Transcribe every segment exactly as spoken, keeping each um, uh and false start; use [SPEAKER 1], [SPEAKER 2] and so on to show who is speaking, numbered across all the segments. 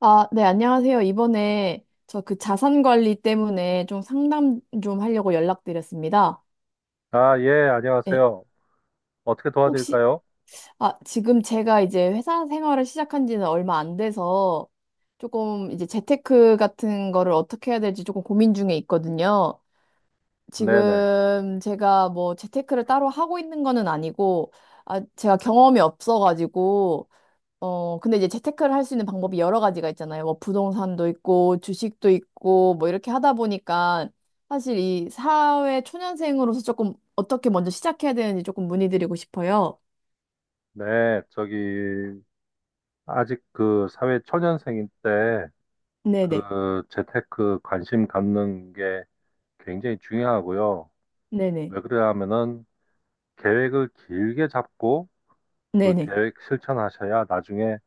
[SPEAKER 1] 아, 네, 안녕하세요. 이번에 저 그 자산 관리 때문에 좀 상담 좀 하려고 연락드렸습니다.
[SPEAKER 2] 아, 예,
[SPEAKER 1] 네.
[SPEAKER 2] 안녕하세요. 어떻게
[SPEAKER 1] 혹시,
[SPEAKER 2] 도와드릴까요?
[SPEAKER 1] 아, 지금 제가 이제 회사 생활을 시작한 지는 얼마 안 돼서 조금 이제 재테크 같은 거를 어떻게 해야 될지 조금 고민 중에 있거든요.
[SPEAKER 2] 네네.
[SPEAKER 1] 지금 제가 뭐 재테크를 따로 하고 있는 거는 아니고, 아, 제가 경험이 없어가지고, 어, 근데 이제 재테크를 할 수 있는 방법이 여러 가지가 있잖아요. 뭐 부동산도 있고 주식도 있고 뭐 이렇게 하다 보니까 사실 이 사회 초년생으로서 조금 어떻게 먼저 시작해야 되는지 조금 문의드리고 싶어요.
[SPEAKER 2] 네, 저기, 아직 그 사회 초년생일 때
[SPEAKER 1] 네네.
[SPEAKER 2] 그 재테크 관심 갖는 게 굉장히 중요하고요.
[SPEAKER 1] 네네.
[SPEAKER 2] 왜 그러냐면은 계획을 길게 잡고 그
[SPEAKER 1] 네네.
[SPEAKER 2] 계획 실천하셔야 나중에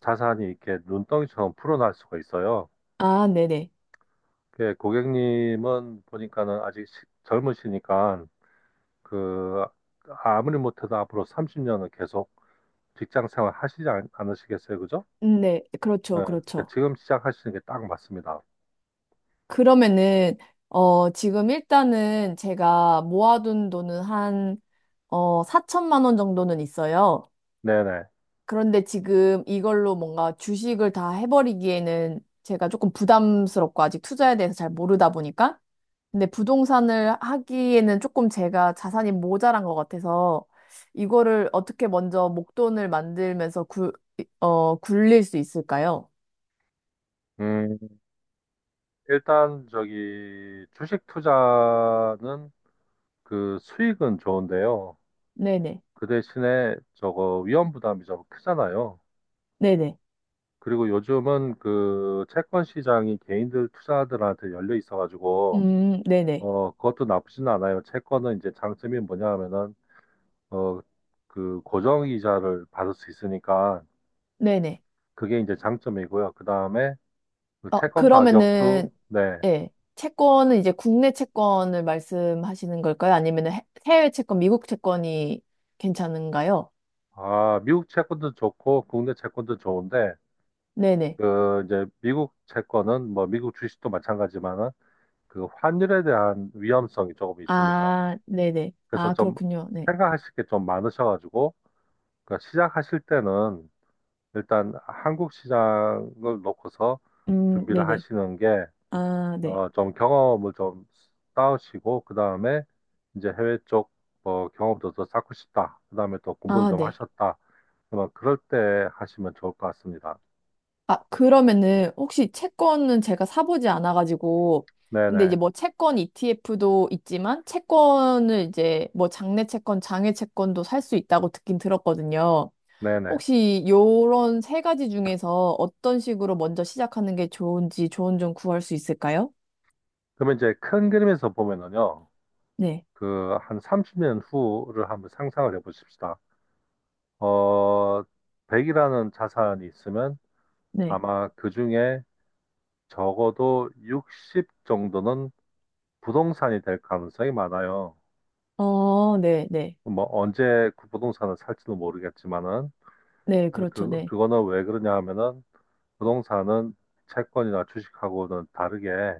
[SPEAKER 2] 자산이 이렇게 눈덩이처럼 풀어날 수가 있어요.
[SPEAKER 1] 아, 네네.
[SPEAKER 2] 그 고객님은 보니까는 아직 시- 젊으시니까 그 아무리 못해도 앞으로 삼십 년은 계속 직장 생활 하시지 않, 않으시겠어요? 그죠?
[SPEAKER 1] 음, 네. 그렇죠.
[SPEAKER 2] 네. 네,
[SPEAKER 1] 그렇죠.
[SPEAKER 2] 지금 시작하시는 게 딱 맞습니다.
[SPEAKER 1] 그러면은 어, 지금 일단은 제가 모아둔 돈은 한 어, 사천만 원 정도는 있어요.
[SPEAKER 2] 네네.
[SPEAKER 1] 그런데 지금 이걸로 뭔가 주식을 다 해버리기에는 제가 조금 부담스럽고 아직 투자에 대해서 잘 모르다 보니까. 근데 부동산을 하기에는 조금 제가 자산이 모자란 것 같아서 이거를 어떻게 먼저 목돈을 만들면서 굴, 어, 굴릴 수 있을까요?
[SPEAKER 2] 음, 일단 저기 주식 투자는 그 수익은 좋은데요.
[SPEAKER 1] 네네.
[SPEAKER 2] 그 대신에 저거 위험 부담이 좀 크잖아요.
[SPEAKER 1] 네네.
[SPEAKER 2] 그리고 요즘은 그 채권 시장이 개인들 투자들한테 열려 있어가지고
[SPEAKER 1] 음, 네네.
[SPEAKER 2] 어 그것도 나쁘진 않아요. 채권은 이제 장점이 뭐냐 하면은 어 그 고정 이자를 받을 수 있으니까
[SPEAKER 1] 네네.
[SPEAKER 2] 그게 이제 장점이고요. 그 다음에 그
[SPEAKER 1] 어,
[SPEAKER 2] 채권 가격도.
[SPEAKER 1] 그러면은,
[SPEAKER 2] 네.
[SPEAKER 1] 예. 채권은 이제 국내 채권을 말씀하시는 걸까요? 아니면 해외 채권, 미국 채권이 괜찮은가요?
[SPEAKER 2] 아, 미국 채권도 좋고 국내 채권도 좋은데
[SPEAKER 1] 네네.
[SPEAKER 2] 그 이제 미국 채권은 뭐 미국 주식도 마찬가지지만은 그 환율에 대한 위험성이 조금 있습니다.
[SPEAKER 1] 아, 네네.
[SPEAKER 2] 그래서
[SPEAKER 1] 아,
[SPEAKER 2] 좀
[SPEAKER 1] 그렇군요. 네.
[SPEAKER 2] 생각하실 게 좀 많으셔가지고 그 시작하실 때는 일단 한국 시장을 놓고서
[SPEAKER 1] 음,
[SPEAKER 2] 준비를
[SPEAKER 1] 네네.
[SPEAKER 2] 하시는 게
[SPEAKER 1] 아, 네.
[SPEAKER 2] 어, 좀 경험을 좀 쌓으시고, 그 다음에 이제 해외 쪽 뭐 경험도 더 쌓고 싶다. 그 다음에 또 공부도
[SPEAKER 1] 아,
[SPEAKER 2] 좀
[SPEAKER 1] 네.
[SPEAKER 2] 하셨다. 그러면 그럴 때 하시면 좋을 것 같습니다.
[SPEAKER 1] 아, 그러면은 혹시 채권은 제가 사보지 않아가지고, 근데 이제
[SPEAKER 2] 네네,
[SPEAKER 1] 뭐 채권 이티에프도 있지만, 채권을 이제 뭐 장내 채권, 장외 채권도 살 수 있다고 듣긴 들었거든요.
[SPEAKER 2] 네네.
[SPEAKER 1] 혹시 요런 세 가지 중에서 어떤 식으로 먼저 시작하는 게 좋은지 조언 좀 구할 수 있을까요?
[SPEAKER 2] 그러면 이제 큰 그림에서 보면은요,
[SPEAKER 1] 네,
[SPEAKER 2] 그 한 삼십 년 후를 한번 상상을 해보십시다. 어, 백이라는 자산이 있으면
[SPEAKER 1] 네.
[SPEAKER 2] 아마 그 중에 적어도 육십 정도는 부동산이 될 가능성이 많아요.
[SPEAKER 1] 어, 네, 네.
[SPEAKER 2] 뭐 언제 그 부동산을 살지도 모르겠지만은
[SPEAKER 1] 네, 그렇죠.
[SPEAKER 2] 그
[SPEAKER 1] 네.
[SPEAKER 2] 그거는 왜 그러냐 하면은 부동산은 채권이나 주식하고는 다르게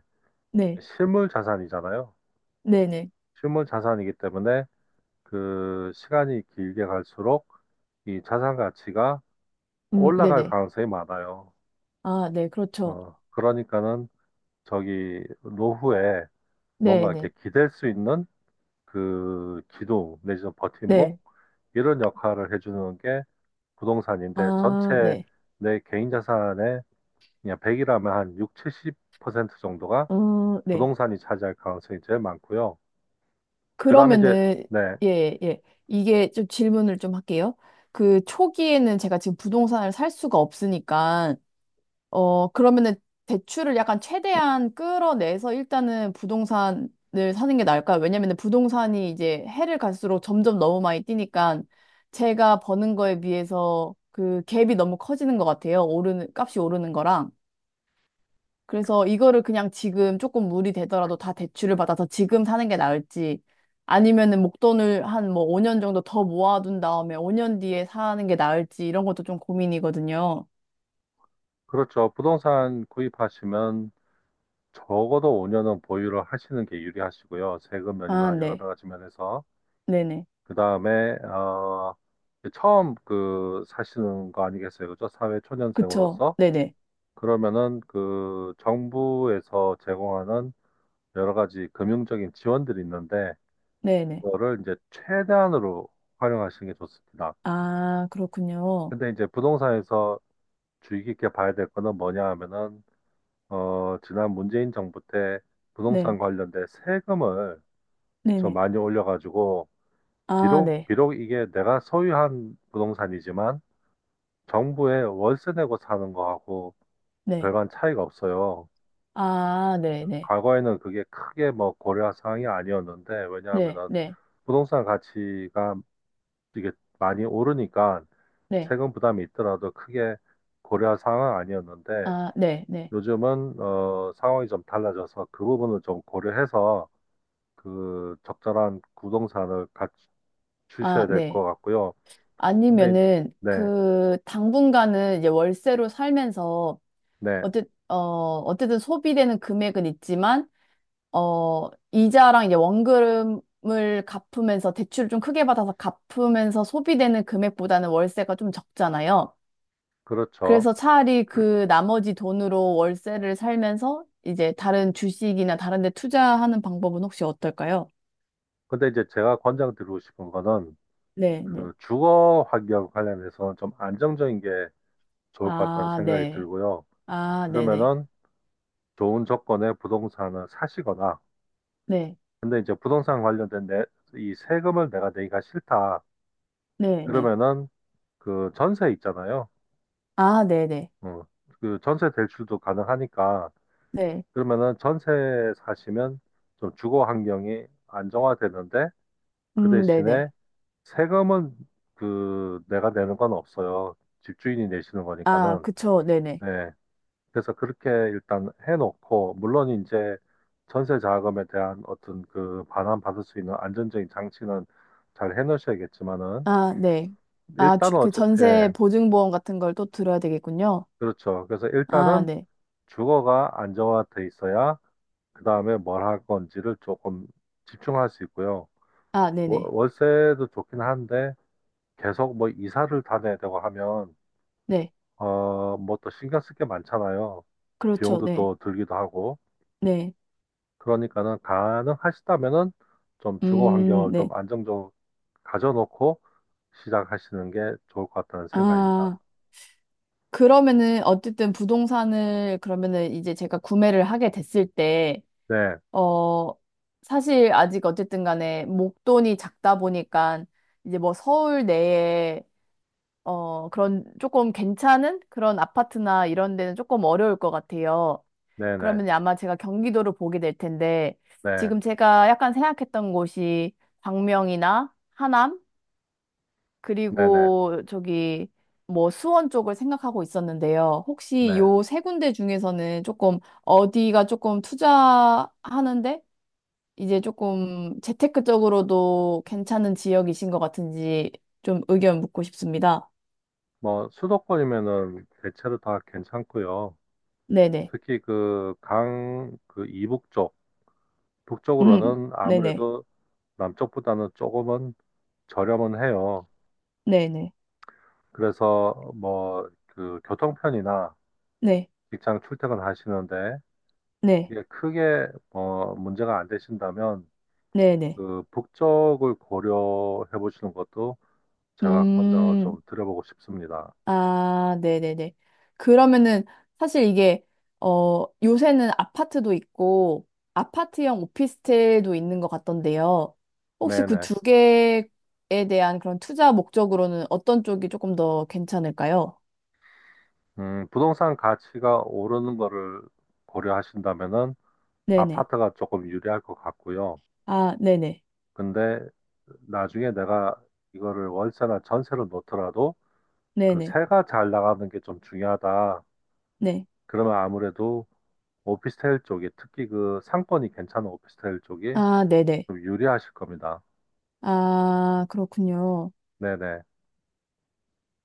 [SPEAKER 1] 네,
[SPEAKER 2] 실물 자산이잖아요.
[SPEAKER 1] 네네.
[SPEAKER 2] 실물 자산이기 때문에 그 시간이 길게 갈수록 이 자산 가치가
[SPEAKER 1] 음,
[SPEAKER 2] 올라갈
[SPEAKER 1] 네네.
[SPEAKER 2] 가능성이 많아요.
[SPEAKER 1] 아, 네, 그렇죠.
[SPEAKER 2] 어, 그러니까는 저기 노후에 뭔가 이렇게
[SPEAKER 1] 네네.
[SPEAKER 2] 기댈 수 있는 그 기둥 내지는 버팀목
[SPEAKER 1] 네.
[SPEAKER 2] 이런 역할을 해주는 게 부동산인데
[SPEAKER 1] 아,
[SPEAKER 2] 전체
[SPEAKER 1] 네.
[SPEAKER 2] 내 개인 자산의 그냥 백이라면 한 육, 칠십 퍼센트 정도가
[SPEAKER 1] 어, 네.
[SPEAKER 2] 부동산이 차지할 가능성이 제일 많고요. 그다음에 이제.
[SPEAKER 1] 그러면은,
[SPEAKER 2] 네,
[SPEAKER 1] 예, 예. 이게 좀 질문을 좀 할게요. 그 초기에는 제가 지금 부동산을 살 수가 없으니까, 어, 그러면은 대출을 약간 최대한 끌어내서 일단은 부동산을 사는 게 나을까요? 왜냐면은 부동산이 이제 해를 갈수록 점점 너무 많이 뛰니까 제가 버는 거에 비해서 그 갭이 너무 커지는 것 같아요. 오르는, 값이 오르는 거랑. 그래서 이거를 그냥 지금 조금 물이 되더라도 다 대출을 받아서 지금 사는 게 나을지 아니면은 목돈을 한 뭐 오 년 정도 더 모아둔 다음에 오 년 뒤에 사는 게 나을지 이런 것도 좀 고민이거든요.
[SPEAKER 2] 그렇죠. 부동산 구입하시면 적어도 오 년은 보유를 하시는 게 유리하시고요. 세금
[SPEAKER 1] 아,
[SPEAKER 2] 면이나 여러
[SPEAKER 1] 네.
[SPEAKER 2] 가지 면에서
[SPEAKER 1] 네네.
[SPEAKER 2] 그다음에 어 처음 그 사시는 거 아니겠어요? 그죠? 사회
[SPEAKER 1] 그쵸.
[SPEAKER 2] 초년생으로서
[SPEAKER 1] 네네.
[SPEAKER 2] 그러면은 그 정부에서 제공하는 여러 가지 금융적인 지원들이 있는데
[SPEAKER 1] 네네.
[SPEAKER 2] 그거를 이제 최대한으로 활용하시는 게 좋습니다.
[SPEAKER 1] 아, 그렇군요.
[SPEAKER 2] 근데 이제 부동산에서 주의 깊게 봐야 될 거는 뭐냐 하면은, 어, 지난 문재인 정부 때
[SPEAKER 1] 네.
[SPEAKER 2] 부동산 관련된 세금을 좀
[SPEAKER 1] 네네.
[SPEAKER 2] 많이 올려가지고,
[SPEAKER 1] 아,
[SPEAKER 2] 비록,
[SPEAKER 1] 네.
[SPEAKER 2] 비록 이게 내가 소유한 부동산이지만, 정부에 월세 내고 사는 거하고
[SPEAKER 1] 네.
[SPEAKER 2] 별반 차이가 없어요.
[SPEAKER 1] 아, 네네. 네.
[SPEAKER 2] 과거에는 그게 크게 뭐 고려할 사항이 아니었는데,
[SPEAKER 1] 네.
[SPEAKER 2] 왜냐하면은
[SPEAKER 1] 네.
[SPEAKER 2] 부동산 가치가 이게 많이 오르니까
[SPEAKER 1] 네.
[SPEAKER 2] 세금 부담이 있더라도 크게 고려할 상황 아니었는데
[SPEAKER 1] 아, 네. 네.
[SPEAKER 2] 요즘은 어, 상황이 좀 달라져서 그 부분을 좀 고려해서 그 적절한 부동산을
[SPEAKER 1] 아,
[SPEAKER 2] 갖추셔야 될
[SPEAKER 1] 네.
[SPEAKER 2] 것 같고요. 근데
[SPEAKER 1] 아니면은
[SPEAKER 2] 네,
[SPEAKER 1] 그 당분간은 이제 월세로 살면서
[SPEAKER 2] 네,
[SPEAKER 1] 어쨌, 어, 어쨌든 소비되는 금액은 있지만, 어, 이자랑 이제 원금을 갚으면서 대출을 좀 크게 받아서 갚으면서 소비되는 금액보다는 월세가 좀 적잖아요.
[SPEAKER 2] 그렇죠.
[SPEAKER 1] 그래서 차라리 그 나머지 돈으로 월세를 살면서 이제 다른 주식이나 다른 데 투자하는 방법은 혹시 어떨까요?
[SPEAKER 2] 근데 이제 제가 권장드리고 싶은 거는
[SPEAKER 1] 네, 네.
[SPEAKER 2] 그 주거 환경 관련해서는 좀 안정적인 게 좋을 것 같다는
[SPEAKER 1] 아,
[SPEAKER 2] 생각이
[SPEAKER 1] 네.
[SPEAKER 2] 들고요.
[SPEAKER 1] 아, 네네.
[SPEAKER 2] 그러면은 좋은 조건의 부동산을 사시거나
[SPEAKER 1] 네,
[SPEAKER 2] 근데 이제 부동산 관련된 내, 이 세금을 내가 내기가 싫다.
[SPEAKER 1] 네네.
[SPEAKER 2] 그러면은 그 전세 있잖아요.
[SPEAKER 1] 아, 네네.
[SPEAKER 2] 어, 그 전세 대출도 가능하니까
[SPEAKER 1] 네. 네.
[SPEAKER 2] 그러면은 전세 사시면 좀 주거 환경이 안정화되는데 그
[SPEAKER 1] 음, 네네.
[SPEAKER 2] 대신에 세금은 그 내가 내는 건 없어요. 집주인이 내시는
[SPEAKER 1] 아,
[SPEAKER 2] 거니까는.
[SPEAKER 1] 그쵸. 네네.
[SPEAKER 2] 네. 그래서 그렇게 일단 해놓고 물론 이제 전세 자금에 대한 어떤 그 반환 받을 수 있는 안정적인 장치는 잘 해놓으셔야겠지만은
[SPEAKER 1] 아, 네. 아, 주,
[SPEAKER 2] 일단은
[SPEAKER 1] 그
[SPEAKER 2] 어째,
[SPEAKER 1] 전세
[SPEAKER 2] 예,
[SPEAKER 1] 보증보험 같은 걸 또 들어야 되겠군요.
[SPEAKER 2] 그렇죠. 그래서
[SPEAKER 1] 아,
[SPEAKER 2] 일단은
[SPEAKER 1] 네.
[SPEAKER 2] 주거가 안정화돼 있어야 그 다음에 뭘 할 건지를 조금 집중할 수 있고요.
[SPEAKER 1] 아,
[SPEAKER 2] 월-
[SPEAKER 1] 네네.
[SPEAKER 2] 월세도 좋긴 한데 계속 뭐 이사를 다녀야 되고 하면
[SPEAKER 1] 네.
[SPEAKER 2] 어, 뭐 또 신경 쓸 게 많잖아요.
[SPEAKER 1] 그렇죠.
[SPEAKER 2] 비용도
[SPEAKER 1] 네.
[SPEAKER 2] 또 들기도 하고.
[SPEAKER 1] 네.
[SPEAKER 2] 그러니까는 가능하시다면은 좀 주거
[SPEAKER 1] 음,
[SPEAKER 2] 환경을
[SPEAKER 1] 네.
[SPEAKER 2] 좀 안정적으로 가져놓고 시작하시는 게 좋을 것 같다는 생각입니다.
[SPEAKER 1] 아, 그러면은 어쨌든 부동산을 그러면은 이제 제가 구매를 하게 됐을 때,
[SPEAKER 2] 네,
[SPEAKER 1] 어, 사실 아직 어쨌든 간에 목돈이 작다 보니까 이제 뭐 서울 내에 어, 그런 조금 괜찮은 그런 아파트나 이런 데는 조금 어려울 것 같아요.
[SPEAKER 2] 네, 네,
[SPEAKER 1] 그러면 아마 제가 경기도를 보게 될 텐데,
[SPEAKER 2] 네,
[SPEAKER 1] 지금 제가 약간 생각했던 곳이 광명이나 하남,
[SPEAKER 2] 네, 네,
[SPEAKER 1] 그리고 저기 뭐 수원 쪽을 생각하고 있었는데요. 혹시
[SPEAKER 2] 네.
[SPEAKER 1] 요 세 군데 중에서는 조금 어디가 조금 투자하는데, 이제 조금 재테크적으로도 괜찮은 지역이신 것 같은지 좀 의견 묻고 싶습니다.
[SPEAKER 2] 뭐 수도권이면은 대체로 다 괜찮고요.
[SPEAKER 1] 네네.
[SPEAKER 2] 특히 그 강 그 이북 쪽
[SPEAKER 1] 음,
[SPEAKER 2] 북쪽으로는
[SPEAKER 1] 네네.
[SPEAKER 2] 아무래도 남쪽보다는 조금은 저렴은 해요.
[SPEAKER 1] 네네.
[SPEAKER 2] 그래서 뭐 그 교통편이나
[SPEAKER 1] 네.
[SPEAKER 2] 직장 출퇴근하시는데
[SPEAKER 1] 네.
[SPEAKER 2] 이게 크게 뭐 문제가 안 되신다면
[SPEAKER 1] 네네.
[SPEAKER 2] 그 북쪽을 고려해 보시는 것도 제가 권장을
[SPEAKER 1] 음.
[SPEAKER 2] 좀 드려보고 싶습니다.
[SPEAKER 1] 아, 네네네. 그러면은 사실 이게, 어, 요새는 아파트도 있고, 아파트형 오피스텔도 있는 것 같던데요. 혹시 그
[SPEAKER 2] 네네.
[SPEAKER 1] 두 개에 대한 그런 투자 목적으로는 어떤 쪽이 조금 더 괜찮을까요?
[SPEAKER 2] 음, 부동산 가치가 오르는 거를 고려하신다면은
[SPEAKER 1] 네네.
[SPEAKER 2] 아파트가 조금 유리할 것 같고요.
[SPEAKER 1] 아, 네네.
[SPEAKER 2] 근데 나중에 내가 이거를 월세나 전세로 놓더라도 그
[SPEAKER 1] 네네.
[SPEAKER 2] 세가 잘 나가는 게 좀 중요하다.
[SPEAKER 1] 네.
[SPEAKER 2] 그러면 아무래도 오피스텔 쪽이 특히 그 상권이 괜찮은 오피스텔 쪽이
[SPEAKER 1] 아, 네네.
[SPEAKER 2] 좀 유리하실 겁니다.
[SPEAKER 1] 아, 그렇군요.
[SPEAKER 2] 네네.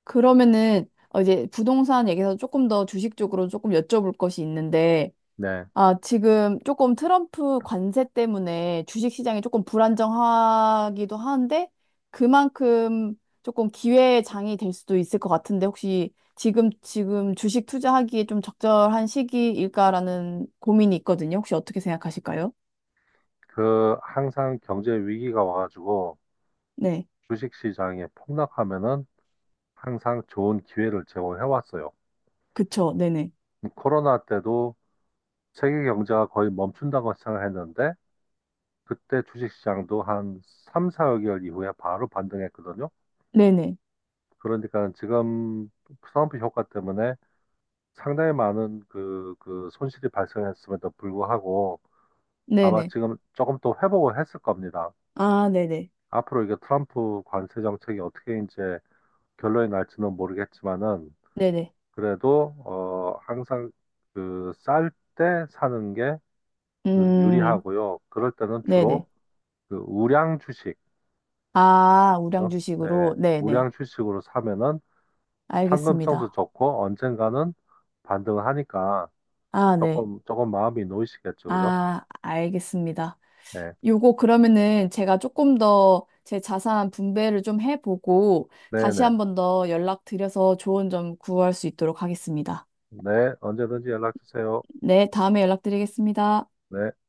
[SPEAKER 1] 그러면은, 어, 이제 부동산 얘기해서 조금 더 주식 쪽으로 조금 여쭤볼 것이 있는데,
[SPEAKER 2] 네.
[SPEAKER 1] 아, 지금 조금 트럼프 관세 때문에 주식 시장이 조금 불안정하기도 하는데 그만큼 조금 기회의 장이 될 수도 있을 것 같은데 혹시 지금 지금 주식 투자하기에 좀 적절한 시기일까라는 고민이 있거든요. 혹시 어떻게 생각하실까요?
[SPEAKER 2] 그 항상 경제 위기가 와가지고
[SPEAKER 1] 네.
[SPEAKER 2] 주식 시장이 폭락하면은 항상 좋은 기회를 제공해 왔어요.
[SPEAKER 1] 그쵸. 네네.
[SPEAKER 2] 코로나 때도 세계 경제가 거의 멈춘다고 생각했는데 그때 주식시장도 한 삼, 사 개월 이후에 바로 반등했거든요.
[SPEAKER 1] 네네.
[SPEAKER 2] 그러니까 지금 트럼프 효과 때문에 상당히 많은 그, 그 손실이 발생했음에도 불구하고 아마
[SPEAKER 1] 네네.
[SPEAKER 2] 지금 조금 더 회복을 했을 겁니다.
[SPEAKER 1] 아, 네네.
[SPEAKER 2] 앞으로 이게 트럼프 관세 정책이 어떻게 이제 결론이 날지는 모르겠지만은
[SPEAKER 1] 네네.
[SPEAKER 2] 그래도 어 항상 그 쌀 때 사는 게 그
[SPEAKER 1] 음,
[SPEAKER 2] 유리하고요. 그럴 때는 주로
[SPEAKER 1] 네네.
[SPEAKER 2] 그 우량 주식,
[SPEAKER 1] 아, 우량
[SPEAKER 2] 그죠? 예,
[SPEAKER 1] 주식으로. 네네.
[SPEAKER 2] 우량 주식으로 사면은 황금성도
[SPEAKER 1] 알겠습니다.
[SPEAKER 2] 좋고 언젠가는 반등을 하니까
[SPEAKER 1] 아, 네.
[SPEAKER 2] 조금 조금 마음이 놓이시겠죠, 그죠?
[SPEAKER 1] 아, 알겠습니다.
[SPEAKER 2] 네,
[SPEAKER 1] 요거 그러면은 제가 조금 더 제 자산 분배를 좀 해보고
[SPEAKER 2] 네,
[SPEAKER 1] 다시
[SPEAKER 2] 네,
[SPEAKER 1] 한번 더 연락드려서 조언 좀 구할 수 있도록 하겠습니다.
[SPEAKER 2] 네, 언제든지 연락 주세요.
[SPEAKER 1] 네, 다음에 연락드리겠습니다.
[SPEAKER 2] 네.